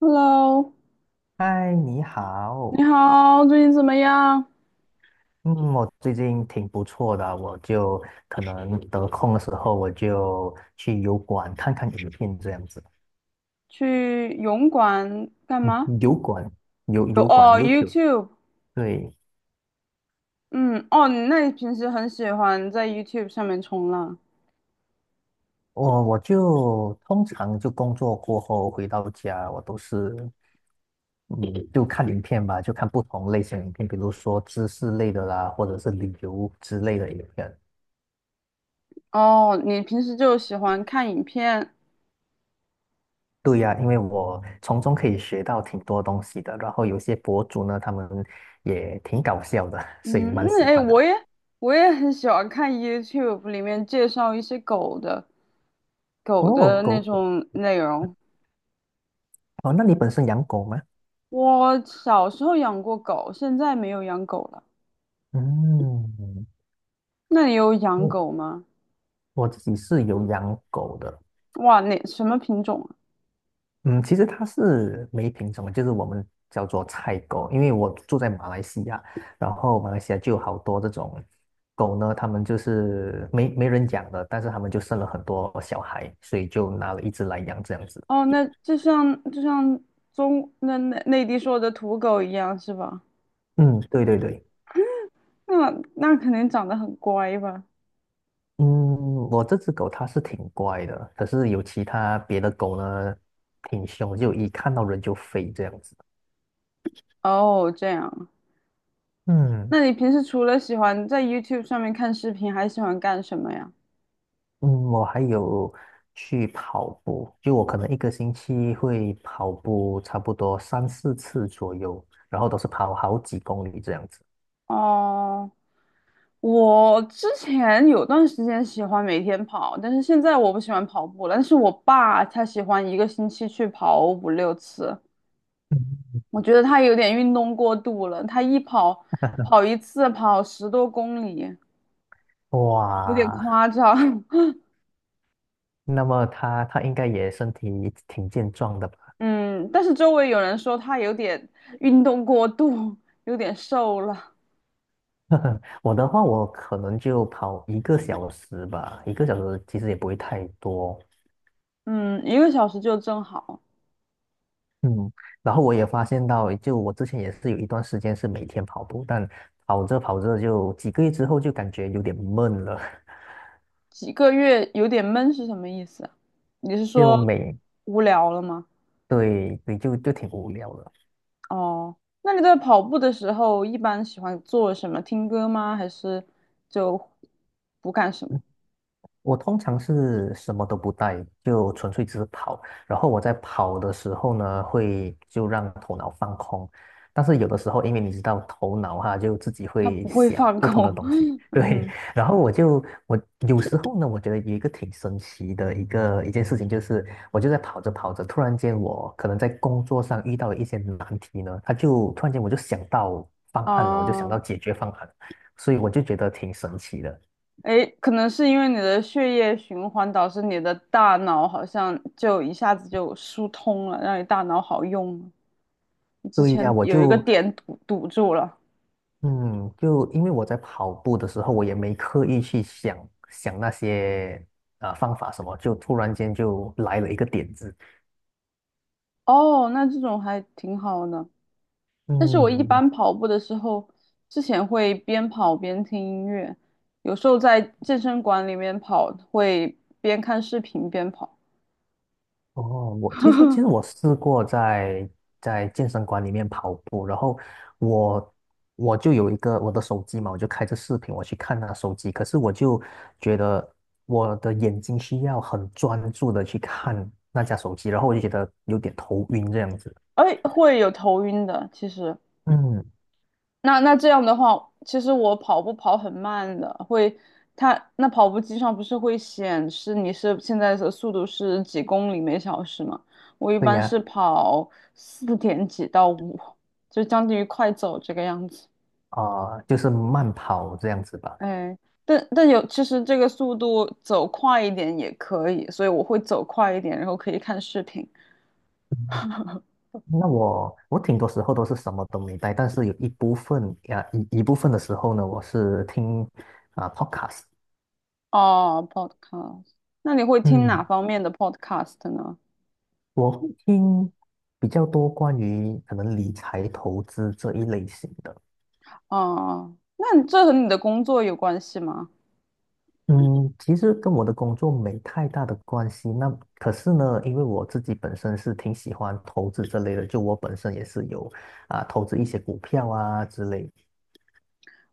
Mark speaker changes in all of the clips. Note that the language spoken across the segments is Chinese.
Speaker 1: Hello，
Speaker 2: 嗨，你
Speaker 1: 你
Speaker 2: 好。
Speaker 1: 好，最近怎么样？
Speaker 2: 嗯，我最近挺不错的，可能得空的时候，我就去油管看看影片这样子。
Speaker 1: 去泳馆干嘛？
Speaker 2: 油管，油
Speaker 1: 有
Speaker 2: 油管
Speaker 1: 哦
Speaker 2: YouTube。
Speaker 1: ，YouTube，
Speaker 2: 对，
Speaker 1: 嗯，哦，你平时很喜欢在 YouTube 上面冲浪？
Speaker 2: 我就通常就工作过后回到家，我都是就看影片吧，就看不同类型的影片，比如说知识类的啦，或者是旅游之类的影片。
Speaker 1: 哦，你平时就喜欢看影片？
Speaker 2: 对呀，因为我从中可以学到挺多东西的，然后有些博主呢，他们也挺搞笑的，所以
Speaker 1: 嗯，
Speaker 2: 蛮
Speaker 1: 那
Speaker 2: 喜
Speaker 1: 哎，
Speaker 2: 欢的。
Speaker 1: 我也很喜欢看 YouTube 里面介绍一些狗的狗
Speaker 2: 哦，
Speaker 1: 的
Speaker 2: 狗
Speaker 1: 那
Speaker 2: 狗，
Speaker 1: 种内容。
Speaker 2: 哦，那你本身养狗吗？
Speaker 1: 我小时候养过狗，现在没有养狗了。
Speaker 2: 嗯，
Speaker 1: 那你有养
Speaker 2: 我
Speaker 1: 狗吗？
Speaker 2: 我自己是有养狗的。
Speaker 1: 哇，那什么品种啊？
Speaker 2: 嗯，其实它是没品种的就是我们叫做菜狗，因为我住在马来西亚，然后马来西亚就有好多这种狗呢，它们就是没人养的，但是它们就生了很多小孩，所以就拿了一只来养这样子。
Speaker 1: 哦，那就像那内地说的土狗一样是吧？
Speaker 2: 嗯，对对对。
Speaker 1: 那那肯定长得很乖吧？
Speaker 2: 嗯，我这只狗它是挺乖的，可是有其他别的狗呢，挺凶，就一看到人就飞这样子。
Speaker 1: 哦，这样。
Speaker 2: 嗯。
Speaker 1: 那你平时除了喜欢在 YouTube 上面看视频，还喜欢干什么呀？
Speaker 2: 嗯，我还有去跑步，就我可能1个星期会跑步差不多三四次左右，然后都是跑好几公里这样子。
Speaker 1: 哦，我之前有段时间喜欢每天跑，但是现在我不喜欢跑步了。但是我爸他喜欢一个星期去跑5、6次，
Speaker 2: 嗯。
Speaker 1: 我觉得他有点运动过度了。他跑一次跑10多公里，有点
Speaker 2: 哇，
Speaker 1: 夸张。
Speaker 2: 那么它应该也身体挺健壮的吧？
Speaker 1: 嗯，但是周围有人说他有点运动过度，有点瘦了。
Speaker 2: 我的话，我可能就跑一个小时吧，一个小时其实也不会太多。
Speaker 1: 嗯，一个小时就正好，
Speaker 2: 嗯，然后我也发现到，就我之前也是有一段时间是每天跑步，但跑着跑着就几个月之后就感觉有点闷了。
Speaker 1: 几个月有点闷是什么意思啊？你是
Speaker 2: 就
Speaker 1: 说
Speaker 2: 每，
Speaker 1: 无聊了吗？
Speaker 2: 对对，就挺无聊的。
Speaker 1: 哦，那你在跑步的时候一般喜欢做什么？听歌吗？还是就不干什么？
Speaker 2: 我通常是什么都不带，就纯粹只是跑。然后我在跑的时候呢，会就让头脑放空。但是有的时候，因为你知道头脑哈，就自己
Speaker 1: 他
Speaker 2: 会
Speaker 1: 不会
Speaker 2: 想
Speaker 1: 放
Speaker 2: 不同的
Speaker 1: 空。
Speaker 2: 东西。
Speaker 1: 嗯
Speaker 2: 对。
Speaker 1: 哼，
Speaker 2: 然后我有时候呢，我觉得有一个挺神奇的一件事情，就是我就在跑着跑着，突然间我可能在工作上遇到了一些难题呢，他就突然间我就想到方案了，我就想到
Speaker 1: 哦。
Speaker 2: 解决方案，所以我就觉得挺神奇的。
Speaker 1: 诶，可能是因为你的血液循环导致你的大脑好像就一下子就疏通了，让你大脑好用了。之
Speaker 2: 对呀，
Speaker 1: 前有一个点堵住了，
Speaker 2: 嗯，就因为我在跑步的时候，我也没刻意去想想那些方法什么，就突然间就来了一个点子。
Speaker 1: 哦，那这种还挺好的。但是我一
Speaker 2: 嗯，
Speaker 1: 般跑步的时候，之前会边跑边听音乐，有时候在健身馆里面跑，会边看视频边跑，
Speaker 2: 然后我其实其实我 试过在健身馆里面跑步，然后我我就有一个我的手机嘛，我就开着视频我去看那手机，可是我就觉得我的眼睛需要很专注的去看那架手机，然后我就觉得有点头晕这样子。
Speaker 1: 哎，会有头晕的，其实。
Speaker 2: 嗯，
Speaker 1: 那这样的话，其实我跑步跑很慢的，会，它那跑步机上不是会显示你是现在的速度是几公里每小时吗？我一
Speaker 2: 对
Speaker 1: 般是
Speaker 2: 呀。
Speaker 1: 跑4点几到5，就将近于快走这个样子。
Speaker 2: 啊、就是慢跑这样子吧。
Speaker 1: 哎，但有其实这个速度走快一点也可以，所以我会走快一点，然后可以看视频。
Speaker 2: 那我挺多时候都是什么都没带，但是有一部分呀、一部分的时候呢，我是听啊、podcast。
Speaker 1: 哦，podcast，那你会听哪
Speaker 2: 嗯，
Speaker 1: 方面的 podcast 呢？
Speaker 2: 我会听比较多关于可能理财投资这一类型的。
Speaker 1: 哦，那你这和你的工作有关系吗？
Speaker 2: 嗯，其实跟我的工作没太大的关系。那可是呢，因为我自己本身是挺喜欢投资这类的，就我本身也是有啊、投资一些股票啊之类。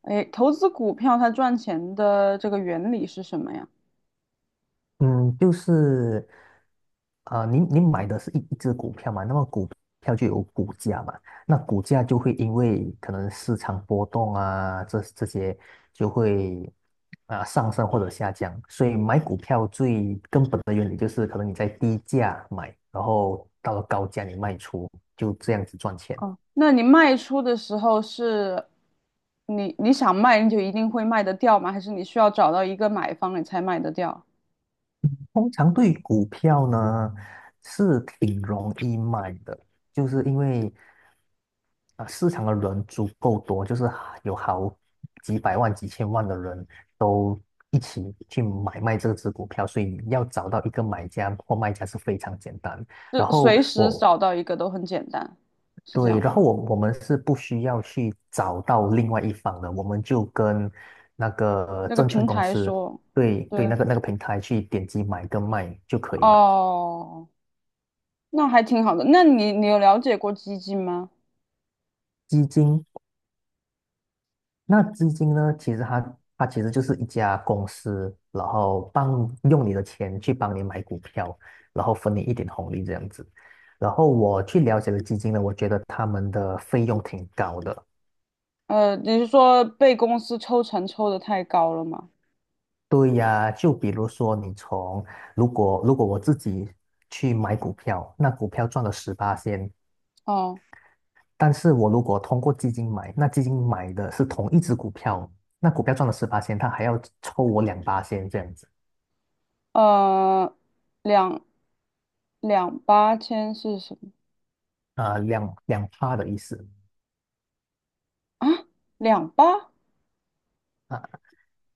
Speaker 1: 哎，投资股票它赚钱的这个原理是什么呀？
Speaker 2: 嗯，就是，呃，您买的是一只股票嘛，那么股票就有股价嘛，那股价就会因为可能市场波动啊，这些就会啊、上升或者下降，所以买股票最根本的原理就是，可能你在低价买，然后到了高价你卖出，就这样子赚钱。
Speaker 1: 哦，那你卖出的时候是你想卖你就一定会卖得掉吗？还是你需要找到一个买方你才卖得掉？
Speaker 2: 通常对于股票呢，是挺容易卖的，就是因为啊，市场的人足够多，就是有好几百万、几千万的人都一起去买卖这只股票，所以要找到一个买家或卖家是非常简单。
Speaker 1: 就
Speaker 2: 然后
Speaker 1: 随时
Speaker 2: 我
Speaker 1: 找到一个都很简单，是这
Speaker 2: 对，
Speaker 1: 样。
Speaker 2: 然后我我们是不需要去找到另外一方的，我们就跟那个
Speaker 1: 那个
Speaker 2: 证券
Speaker 1: 平
Speaker 2: 公
Speaker 1: 台
Speaker 2: 司，
Speaker 1: 说，
Speaker 2: 对，对，
Speaker 1: 对，
Speaker 2: 那个平台去点击买跟卖就可以了。
Speaker 1: 哦，那还挺好的。那你有了解过基金吗？
Speaker 2: 基金，那基金呢，其实它其实就是一家公司，然后帮用你的钱去帮你买股票，然后分你一点红利这样子。然后我去了解了基金呢，我觉得他们的费用挺高的。
Speaker 1: 你是说被公司抽成抽得太高了吗？
Speaker 2: 对呀，就比如说你从如果我自己去买股票，那股票赚了十八仙，
Speaker 1: 哦，
Speaker 2: 但是我如果通过基金买，那基金买的是同一只股票，那股票赚了十八仙，它还要抽我两八仙这样子。
Speaker 1: 呃，两两八千是什么
Speaker 2: 啊、呃两趴的意思。
Speaker 1: 啊？两八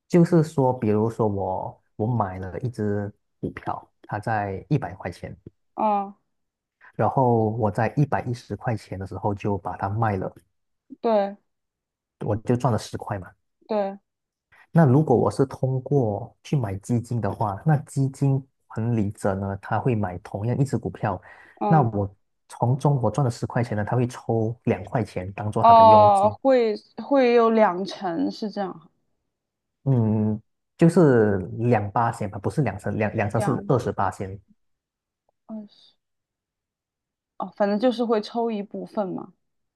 Speaker 2: 就是说，比如说我买了一只股票，它在100块钱，
Speaker 1: 啊，
Speaker 2: 然后我在110块钱的时候就把它卖了，
Speaker 1: 对
Speaker 2: 我就赚了十块嘛。
Speaker 1: 对，
Speaker 2: 那如果我是通过去买基金的话，那基金管理者呢，他会买同样一只股票，那
Speaker 1: 嗯，
Speaker 2: 从中我赚了十块钱呢，他会抽2块钱当做他的佣
Speaker 1: 哦，
Speaker 2: 金。
Speaker 1: 会有两成是这样，
Speaker 2: 嗯，就是两八仙吧，不是两成，两成是
Speaker 1: 两
Speaker 2: 28仙。
Speaker 1: 二十哦，反正就是会抽一部分嘛。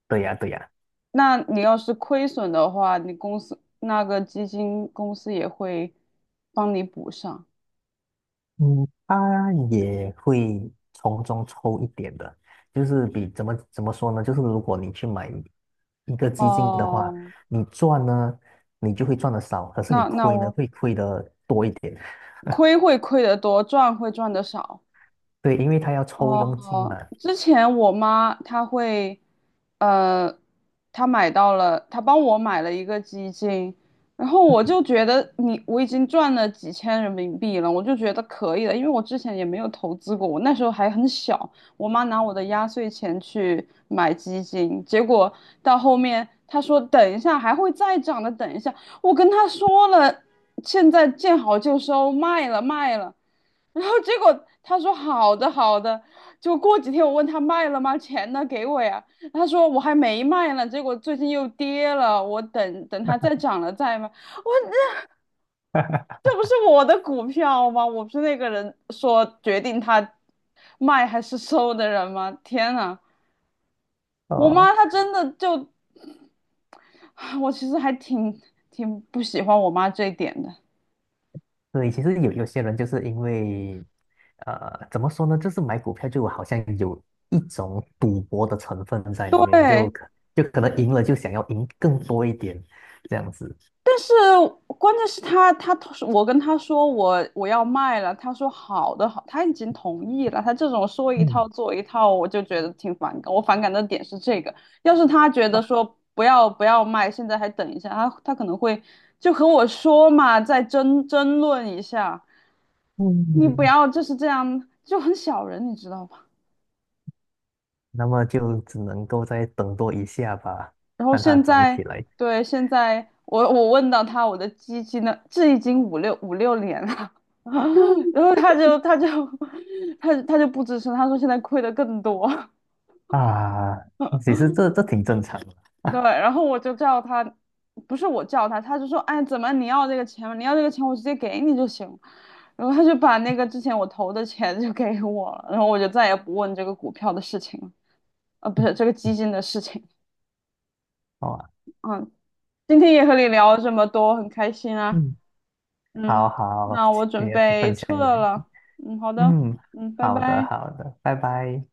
Speaker 2: 对呀，对呀。
Speaker 1: 那你要是亏损的话，你公司那个基金公司也会帮你补上。
Speaker 2: 嗯，他也会从中抽一点的，就是比怎么说呢？就是如果你去买一个基金的话，
Speaker 1: 哦，
Speaker 2: 你赚呢，你就会赚的少，可是你
Speaker 1: 那
Speaker 2: 亏呢，
Speaker 1: 我
Speaker 2: 会亏的多一点。
Speaker 1: 亏会亏得多，赚会赚得少。
Speaker 2: 对，因为他要抽佣金
Speaker 1: 哦，
Speaker 2: 嘛。
Speaker 1: 之前我妈她会，呃，她买到了，她帮我买了一个基金，然后我就觉得你我已经赚了几千人民币了，我就觉得可以了，因为我之前也没有投资过，我那时候还很小，我妈拿我的压岁钱去买基金，结果到后面她说等一下还会再涨的，等一下，我跟她说了，现在见好就收，卖了卖了。然后结果他说好的好的，就过几天我问他卖了吗？钱呢？给我呀。他说我还没卖呢，结果最近又跌了，我等等它再涨了再卖。我这不是我的股票吗？我不是那个人说决定他，卖还是收的人吗？天呐，我
Speaker 2: 哦，
Speaker 1: 妈她真的就，我其实还挺不喜欢我妈这一点的。
Speaker 2: 对，其实有些人就是因为，呃，怎么说呢？就是买股票就好像有一种赌博的成分在里面，
Speaker 1: 对，
Speaker 2: 就可能赢了就想要赢更多一点，这样子。
Speaker 1: 但是关键是他我跟他说我要卖了，他说好的好，他已经同意了。他这种说一
Speaker 2: 嗯。
Speaker 1: 套做一套，我就觉得挺反感。我反感的点是这个，要是他觉得说不要不要卖，现在还等一下，他可能会就和我说嘛，再争论一下。你不
Speaker 2: 嗯，
Speaker 1: 要就是这样，就很小人，你知道吧？
Speaker 2: 那么就只能够再等多一下吧，
Speaker 1: 然后
Speaker 2: 看它
Speaker 1: 现
Speaker 2: 长起
Speaker 1: 在，
Speaker 2: 来。
Speaker 1: 对，现在我问到他我的基金呢，这已经五六年了，然后他就 他就不吱声，他说现在亏的更多，
Speaker 2: 啊。其实 这挺正常的，
Speaker 1: 对，然后我就叫他，不是我叫他，他就说，哎，怎么你要这个钱吗？你要这个钱，我直接给你就行。然后他就把那个之前我投的钱就给我了，然后我就再也不问这个股票的事情了，不是这个基金的事情。
Speaker 2: 好吧？
Speaker 1: 嗯，今天也和你聊了这么多，很开心啊。
Speaker 2: 嗯，好
Speaker 1: 嗯，
Speaker 2: 好，
Speaker 1: 那我
Speaker 2: 你
Speaker 1: 准
Speaker 2: 也分
Speaker 1: 备
Speaker 2: 享
Speaker 1: 撤
Speaker 2: 一你，
Speaker 1: 了。嗯，好的。
Speaker 2: 嗯，
Speaker 1: 嗯，拜
Speaker 2: 好的
Speaker 1: 拜。
Speaker 2: 好的，拜拜。